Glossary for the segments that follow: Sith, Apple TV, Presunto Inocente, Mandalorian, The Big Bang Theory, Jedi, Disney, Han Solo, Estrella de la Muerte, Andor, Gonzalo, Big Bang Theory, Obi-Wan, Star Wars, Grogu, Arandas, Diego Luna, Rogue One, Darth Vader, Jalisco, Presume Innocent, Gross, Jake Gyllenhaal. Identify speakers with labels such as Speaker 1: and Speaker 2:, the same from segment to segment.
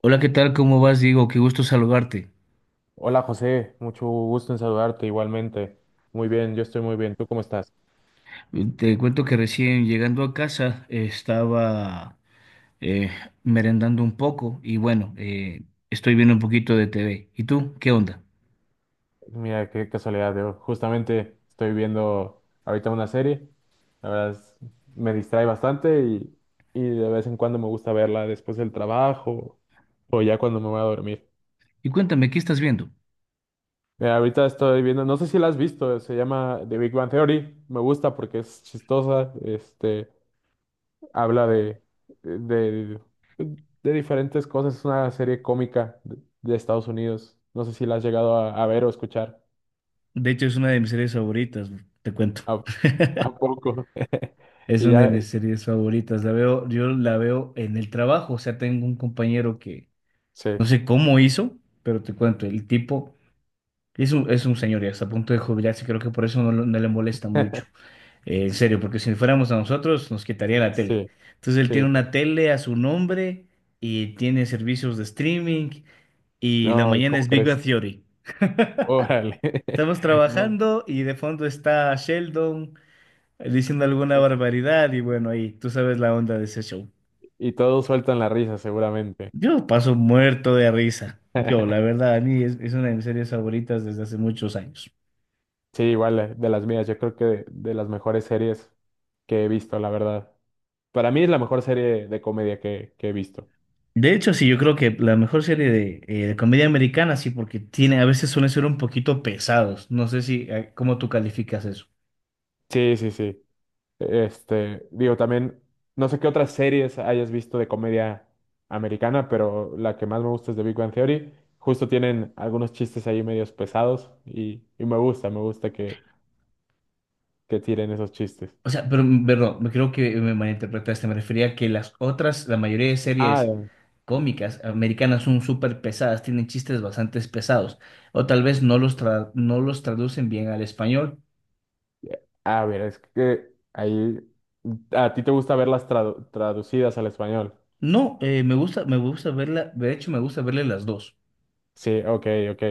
Speaker 1: Hola, ¿qué tal? ¿Cómo vas, Diego? Qué gusto saludarte.
Speaker 2: Hola José, mucho gusto en saludarte igualmente. Muy bien, yo estoy muy bien. ¿Tú cómo estás?
Speaker 1: Te cuento que recién llegando a casa estaba eh, merendando un poco y bueno, estoy viendo un poquito de TV. ¿Y tú? ¿Qué onda?
Speaker 2: Mira, qué casualidad. Yo justamente estoy viendo ahorita una serie. La verdad es- Me distrae bastante y de vez en cuando me gusta verla después del trabajo o ya cuando me voy a dormir.
Speaker 1: Y cuéntame, ¿qué estás viendo?
Speaker 2: Mira, ahorita estoy viendo, no sé si la has visto, se llama The Big Bang Theory. Me gusta porque es chistosa. Este, habla de, de diferentes cosas. Es una serie cómica de Estados Unidos. No sé si la has llegado a ver o escuchar.
Speaker 1: De hecho, es una de mis series favoritas, te cuento.
Speaker 2: ¿A, a poco?
Speaker 1: Es
Speaker 2: Y
Speaker 1: una de
Speaker 2: ya,
Speaker 1: mis series favoritas. La veo, yo la veo en el trabajo. O sea, tengo un compañero que
Speaker 2: sí,
Speaker 1: no sé cómo hizo, pero te cuento, el tipo es un señor y hasta a punto de jubilarse. Creo que por eso no, no le molesta mucho. En serio, porque si fuéramos a nosotros nos quitaría la tele.
Speaker 2: sí,
Speaker 1: Entonces él tiene
Speaker 2: sí, sí.
Speaker 1: una tele a su nombre y tiene servicios de streaming y la
Speaker 2: No,
Speaker 1: mañana
Speaker 2: ¿cómo
Speaker 1: es Big
Speaker 2: crees?
Speaker 1: Bang Theory.
Speaker 2: Órale.
Speaker 1: Estamos
Speaker 2: No.
Speaker 1: trabajando y de fondo está Sheldon diciendo alguna barbaridad y bueno, ahí tú sabes la onda de ese show.
Speaker 2: Y todos sueltan la risa, seguramente.
Speaker 1: Yo paso muerto de risa. Yo, la verdad, es una de mis series favoritas desde hace muchos años.
Speaker 2: Sí, igual, de las mías, yo creo que de las mejores series que he visto, la verdad. Para mí es la mejor serie de comedia que he visto.
Speaker 1: De hecho, sí, yo creo que la mejor serie de comedia americana, sí, porque tiene, a veces suelen ser un poquito pesados. No sé si, cómo tú calificas eso.
Speaker 2: Sí, sí, sí. Este, digo, también, no sé qué otras series hayas visto de comedia americana, pero la que más me gusta es The Big Bang Theory. Justo tienen algunos chistes ahí medios pesados y me gusta que tiren esos chistes.
Speaker 1: O sea, pero, perdón, me creo que me malinterpretaste. Me refería a que las otras, la mayoría de
Speaker 2: Ah,
Speaker 1: series cómicas americanas son súper pesadas, tienen chistes bastante pesados. O tal vez no los traducen bien al español.
Speaker 2: ya. A ver, es que ahí, ¿a ti te gusta verlas traducidas al español?
Speaker 1: No, me gusta verla, de hecho, me gusta verle las dos.
Speaker 2: Sí, ok, ok.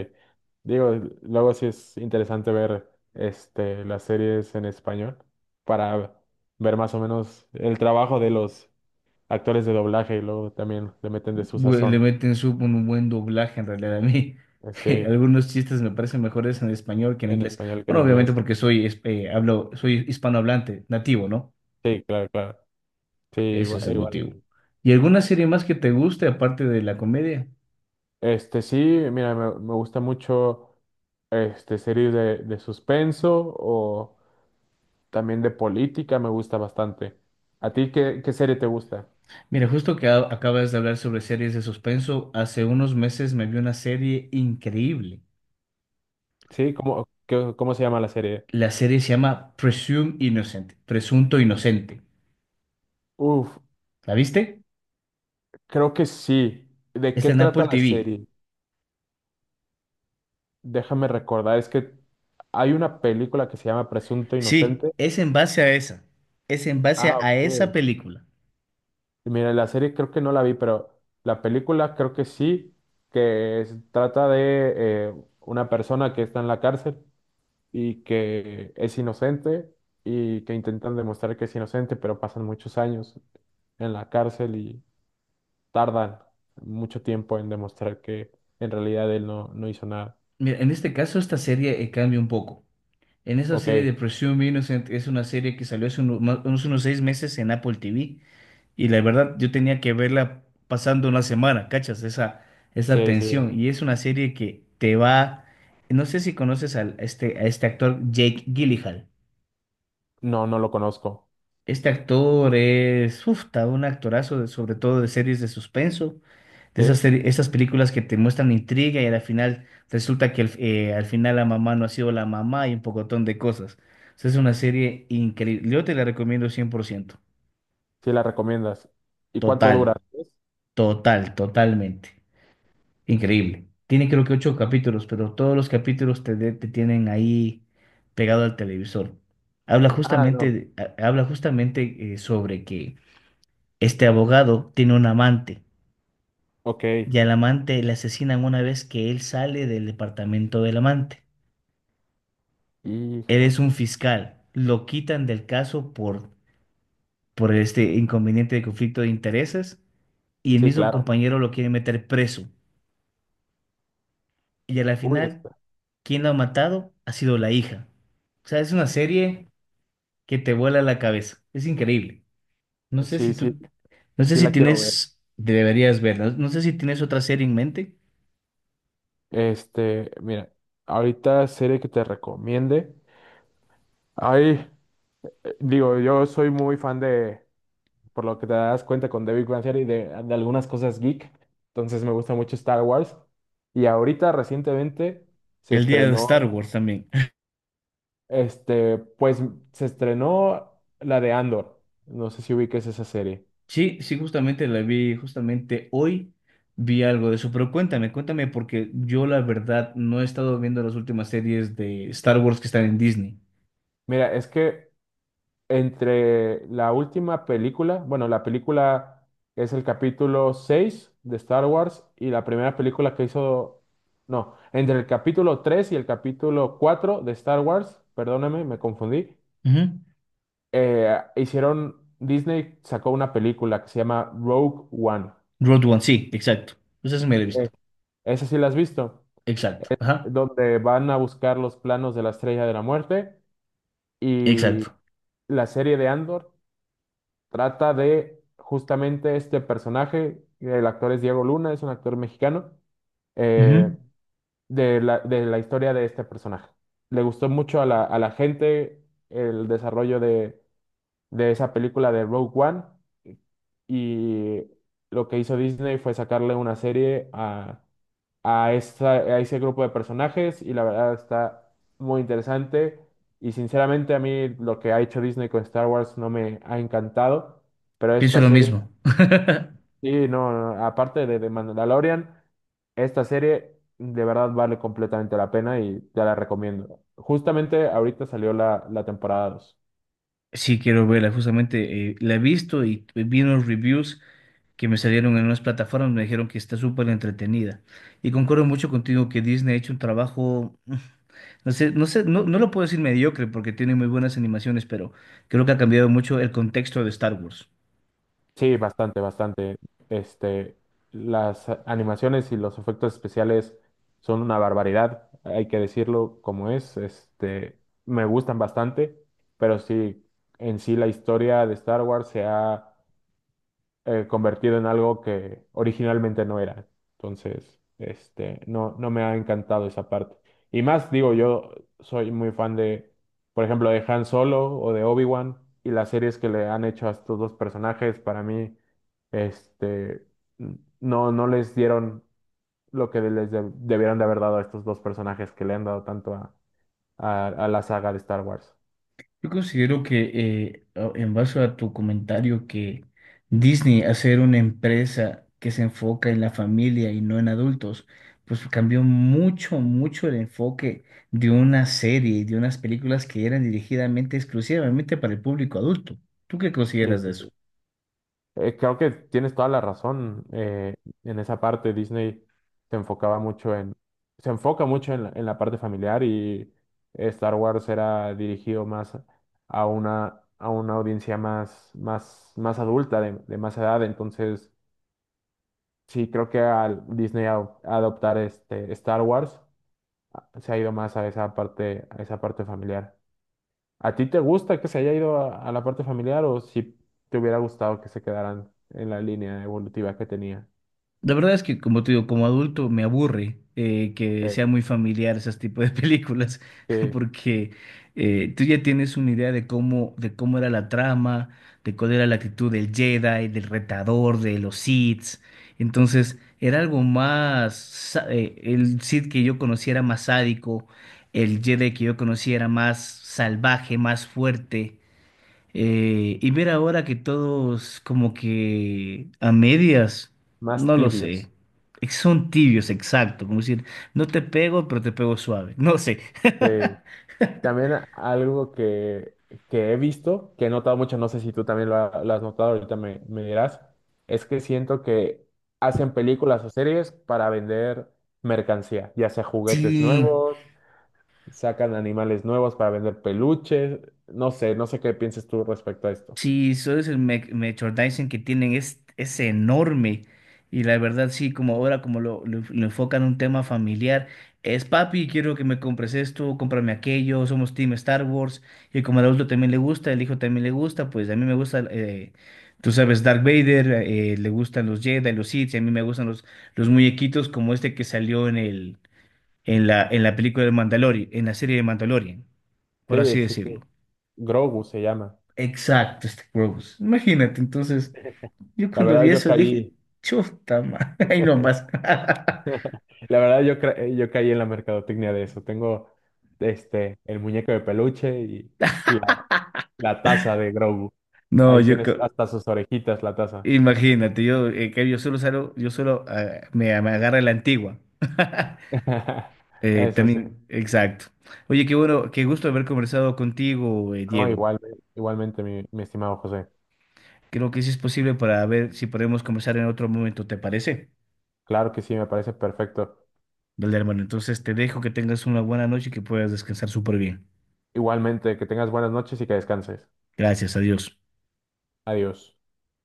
Speaker 2: Digo, luego sí es interesante ver este, las series en español para ver más o menos el trabajo de los actores de doblaje y luego también le meten de su
Speaker 1: Le
Speaker 2: sazón.
Speaker 1: meten un buen doblaje en realidad a mí.
Speaker 2: Sí,
Speaker 1: Algunos chistes me parecen mejores en español que en
Speaker 2: en
Speaker 1: inglés.
Speaker 2: español que en
Speaker 1: Bueno, obviamente
Speaker 2: inglés.
Speaker 1: porque hablo, soy hispanohablante, nativo, ¿no?
Speaker 2: Sí, claro, claro. Sí,
Speaker 1: Ese es el
Speaker 2: igual. A
Speaker 1: motivo.
Speaker 2: mí.
Speaker 1: ¿Y alguna serie más que te guste aparte de la comedia?
Speaker 2: Este, sí, mira, me gusta mucho este series de suspenso o también de política, me gusta bastante. ¿A ti qué, qué serie te gusta?
Speaker 1: Mira, justo que acabas de hablar sobre series de suspenso, hace unos meses me vi una serie increíble.
Speaker 2: Sí, ¿cómo, cómo se llama la serie?
Speaker 1: La serie se llama Presume Innocent, Presunto Inocente.
Speaker 2: Uf,
Speaker 1: ¿La viste?
Speaker 2: creo que sí. ¿De
Speaker 1: Está
Speaker 2: qué
Speaker 1: en Apple
Speaker 2: trata la
Speaker 1: TV.
Speaker 2: serie? Déjame recordar, es que hay una película que se llama Presunto
Speaker 1: Sí,
Speaker 2: Inocente.
Speaker 1: es en base a esa. Es en base
Speaker 2: Ah,
Speaker 1: a esa
Speaker 2: ok.
Speaker 1: película.
Speaker 2: Mira, la serie creo que no la vi, pero la película creo que sí, trata de eh, una persona que está en la cárcel y que es inocente y que intentan demostrar que es inocente, pero pasan muchos años en la cárcel y tardan mucho tiempo en demostrar que en realidad él no, no hizo nada.
Speaker 1: Mira, en este caso esta serie cambia un poco. En esa
Speaker 2: Ok,
Speaker 1: serie de Presume Innocent es una serie que salió hace unos seis meses en Apple TV. Y la verdad, yo tenía que verla pasando una semana, ¿cachas? Esa
Speaker 2: sí, sí,
Speaker 1: tensión. Y es una serie que te va... No sé si conoces al, este, a este actor Jake Gyllenhaal.
Speaker 2: no, no lo conozco.
Speaker 1: Este actor es, uf, ta, un actorazo, sobre todo de series de suspenso, de esas,
Speaker 2: ¿Sí?
Speaker 1: esas películas que te muestran intriga y al final resulta que al final la mamá no ha sido la mamá y un pocotón de cosas. O sea, es una serie increíble. Yo te la recomiendo 100%.
Speaker 2: Sí la recomiendas. ¿Y cuánto dura?
Speaker 1: Total, totalmente. Increíble. Tiene creo que ocho capítulos, pero todos los capítulos te tienen ahí pegado al televisor. Habla
Speaker 2: Ah,
Speaker 1: justamente,
Speaker 2: no.
Speaker 1: habla justamente sobre que este abogado tiene un amante
Speaker 2: Ok,
Speaker 1: y al amante le asesinan una vez que él sale del departamento del amante. Él es
Speaker 2: híjole.
Speaker 1: un fiscal, lo quitan del caso por este inconveniente de conflicto de intereses y el
Speaker 2: Sí,
Speaker 1: mismo
Speaker 2: claro.
Speaker 1: compañero lo quiere meter preso. Y a la
Speaker 2: Uy,
Speaker 1: final,
Speaker 2: esta.
Speaker 1: quien lo ha matado ha sido la hija. O sea, es una serie que te vuela la cabeza. Es increíble. No sé si
Speaker 2: Sí, sí,
Speaker 1: tú, no sé
Speaker 2: sí
Speaker 1: si
Speaker 2: la quiero ver.
Speaker 1: tienes, deberías verla. No sé si tienes otra serie en mente.
Speaker 2: Este, mira, ahorita serie que te recomiende. Ay, digo, yo soy muy fan de, por lo que te das cuenta con David Big Bang Theory, de algunas cosas geek. Entonces me gusta mucho Star Wars. Y ahorita recientemente se
Speaker 1: El día de Star
Speaker 2: estrenó,
Speaker 1: Wars también.
Speaker 2: este, pues se estrenó la de Andor. No sé si ubiques esa serie.
Speaker 1: Sí, sí, justamente la vi, justamente hoy vi algo de eso, pero cuéntame, cuéntame, porque yo la verdad no he estado viendo las últimas series de Star Wars que están en Disney.
Speaker 2: Mira, es que entre la última película, bueno, la película es el capítulo 6 de Star Wars y la primera película que hizo, no, entre el capítulo 3 y el capítulo 4 de Star Wars, perdóname, me confundí,
Speaker 1: Ujú.
Speaker 2: hicieron, Disney sacó una película que se llama Rogue One.
Speaker 1: Road One, sí, exacto. Pues eso me lo he visto.
Speaker 2: Eh, esa sí la has visto,
Speaker 1: Exacto, ajá,
Speaker 2: donde van a buscar los planos de la Estrella de la Muerte y
Speaker 1: exacto.
Speaker 2: la serie de Andor trata de justamente este personaje, el actor es Diego Luna, es un actor mexicano, eh,
Speaker 1: Ujú.
Speaker 2: de la historia de este personaje. Le gustó mucho a la gente el desarrollo de esa película de Rogue One y lo que hizo Disney fue sacarle una serie a ese grupo de personajes y la verdad está muy interesante y sinceramente a mí lo que ha hecho Disney con Star Wars no me ha encantado pero
Speaker 1: Pienso
Speaker 2: esta
Speaker 1: lo
Speaker 2: serie.
Speaker 1: mismo.
Speaker 2: Sí, no, no, no, aparte de Mandalorian, esta serie de verdad vale completamente la pena y te la recomiendo. Justamente ahorita salió la temporada 2.
Speaker 1: Sí, quiero verla, justamente la he visto y vi unos reviews que me salieron en unas plataformas, me dijeron que está súper entretenida. Y concuerdo mucho contigo que Disney ha hecho un trabajo. No, no lo puedo decir mediocre porque tiene muy buenas animaciones, pero creo que ha cambiado mucho el contexto de Star Wars.
Speaker 2: Sí, bastante, bastante. Este, las animaciones y los efectos especiales son una barbaridad, hay que decirlo como es. Este, me gustan bastante, pero sí, en sí la historia de Star Wars se ha convertido en algo que originalmente no era. Entonces, este, no, no me ha encantado esa parte. Y más, digo, yo soy muy fan de, por ejemplo, de Han Solo o de Obi-Wan y las series que le han hecho a estos dos personajes, para mí, este, no, no les dieron lo que les debieron de haber dado a estos dos personajes que le han dado tanto a la saga de Star Wars.
Speaker 1: Yo considero que en base a tu comentario que Disney hacer una empresa que se enfoca en la familia y no en adultos, pues cambió mucho, mucho el enfoque de una serie y de unas películas que eran dirigidamente exclusivamente para el público adulto. ¿Tú qué
Speaker 2: Sí,
Speaker 1: consideras de
Speaker 2: sí,
Speaker 1: eso?
Speaker 2: sí. Creo que tienes toda la razón. Eh, en esa parte, Disney se enfocaba mucho en, se enfoca mucho en la parte familiar y Star Wars era dirigido más a una audiencia más, más, más adulta, de más edad. Entonces, sí, creo que al Disney adoptar este Star Wars se ha ido más a esa parte familiar. ¿A ti te gusta que se haya ido a la parte familiar o si te hubiera gustado que se quedaran en la línea evolutiva que tenía?
Speaker 1: La verdad es que, como te digo, como adulto me aburre que
Speaker 2: Eh,
Speaker 1: sea muy familiar esos tipos de películas,
Speaker 2: sí,
Speaker 1: porque tú ya tienes una idea de cómo era la trama, de cuál era la actitud del Jedi, del retador, de los Sith. Entonces, era algo más, el Sith que yo conocía era más sádico, el Jedi que yo conocía era más salvaje, más fuerte. Y ver ahora que todos como que a medias,
Speaker 2: más
Speaker 1: no lo sé.
Speaker 2: tibios.
Speaker 1: Son tibios, exacto. Como decir, no te pego, pero te pego suave. No sé.
Speaker 2: Sí. También algo que he visto, que he notado mucho, no sé si tú también lo, lo has notado, ahorita me, me dirás, es que siento que hacen películas o series para vender mercancía, ya sea juguetes
Speaker 1: Sí,
Speaker 2: nuevos, sacan animales nuevos para vender peluches, no sé, no sé qué pienses tú respecto a esto.
Speaker 1: sí, esos merchandising que tienen es enorme. Y la verdad, sí, como ahora, lo enfocan en un tema familiar, es papi, quiero que me compres esto, cómprame aquello, somos Team Star Wars. Y como al adulto también le gusta, el hijo también le gusta, pues a mí me gusta, tú sabes, Darth Vader, le gustan los Jedi, los Sith, y a mí me gustan los muñequitos como este que salió en la película de Mandalorian, en la serie de Mandalorian, por
Speaker 2: Sí,
Speaker 1: así
Speaker 2: sí, sí,
Speaker 1: decirlo.
Speaker 2: Grogu se llama.
Speaker 1: Exacto, este Gross. Imagínate, entonces, yo
Speaker 2: La
Speaker 1: cuando
Speaker 2: verdad
Speaker 1: vi
Speaker 2: yo
Speaker 1: eso dije,
Speaker 2: caí.
Speaker 1: chuta, ma, ahí nomás.
Speaker 2: La verdad, yo, yo caí en la mercadotecnia de eso. Tengo este, el muñeco de peluche y la, la taza de Grogu.
Speaker 1: No,
Speaker 2: Ahí tienes hasta sus orejitas, la taza.
Speaker 1: imagínate, yo, que yo solo salgo, yo solo ah, me agarra la antigua.
Speaker 2: Eso sí.
Speaker 1: También, exacto. Oye, qué bueno, qué gusto haber conversado contigo,
Speaker 2: No,
Speaker 1: Diego.
Speaker 2: igual, igualmente, mi estimado José.
Speaker 1: Creo que sí es posible para ver si podemos conversar en otro momento, ¿te parece?
Speaker 2: Claro que sí, me parece perfecto.
Speaker 1: Dale, hermano, entonces te dejo que tengas una buena noche y que puedas descansar súper bien.
Speaker 2: Igualmente, que tengas buenas noches y que descanses.
Speaker 1: Gracias, adiós.
Speaker 2: Adiós.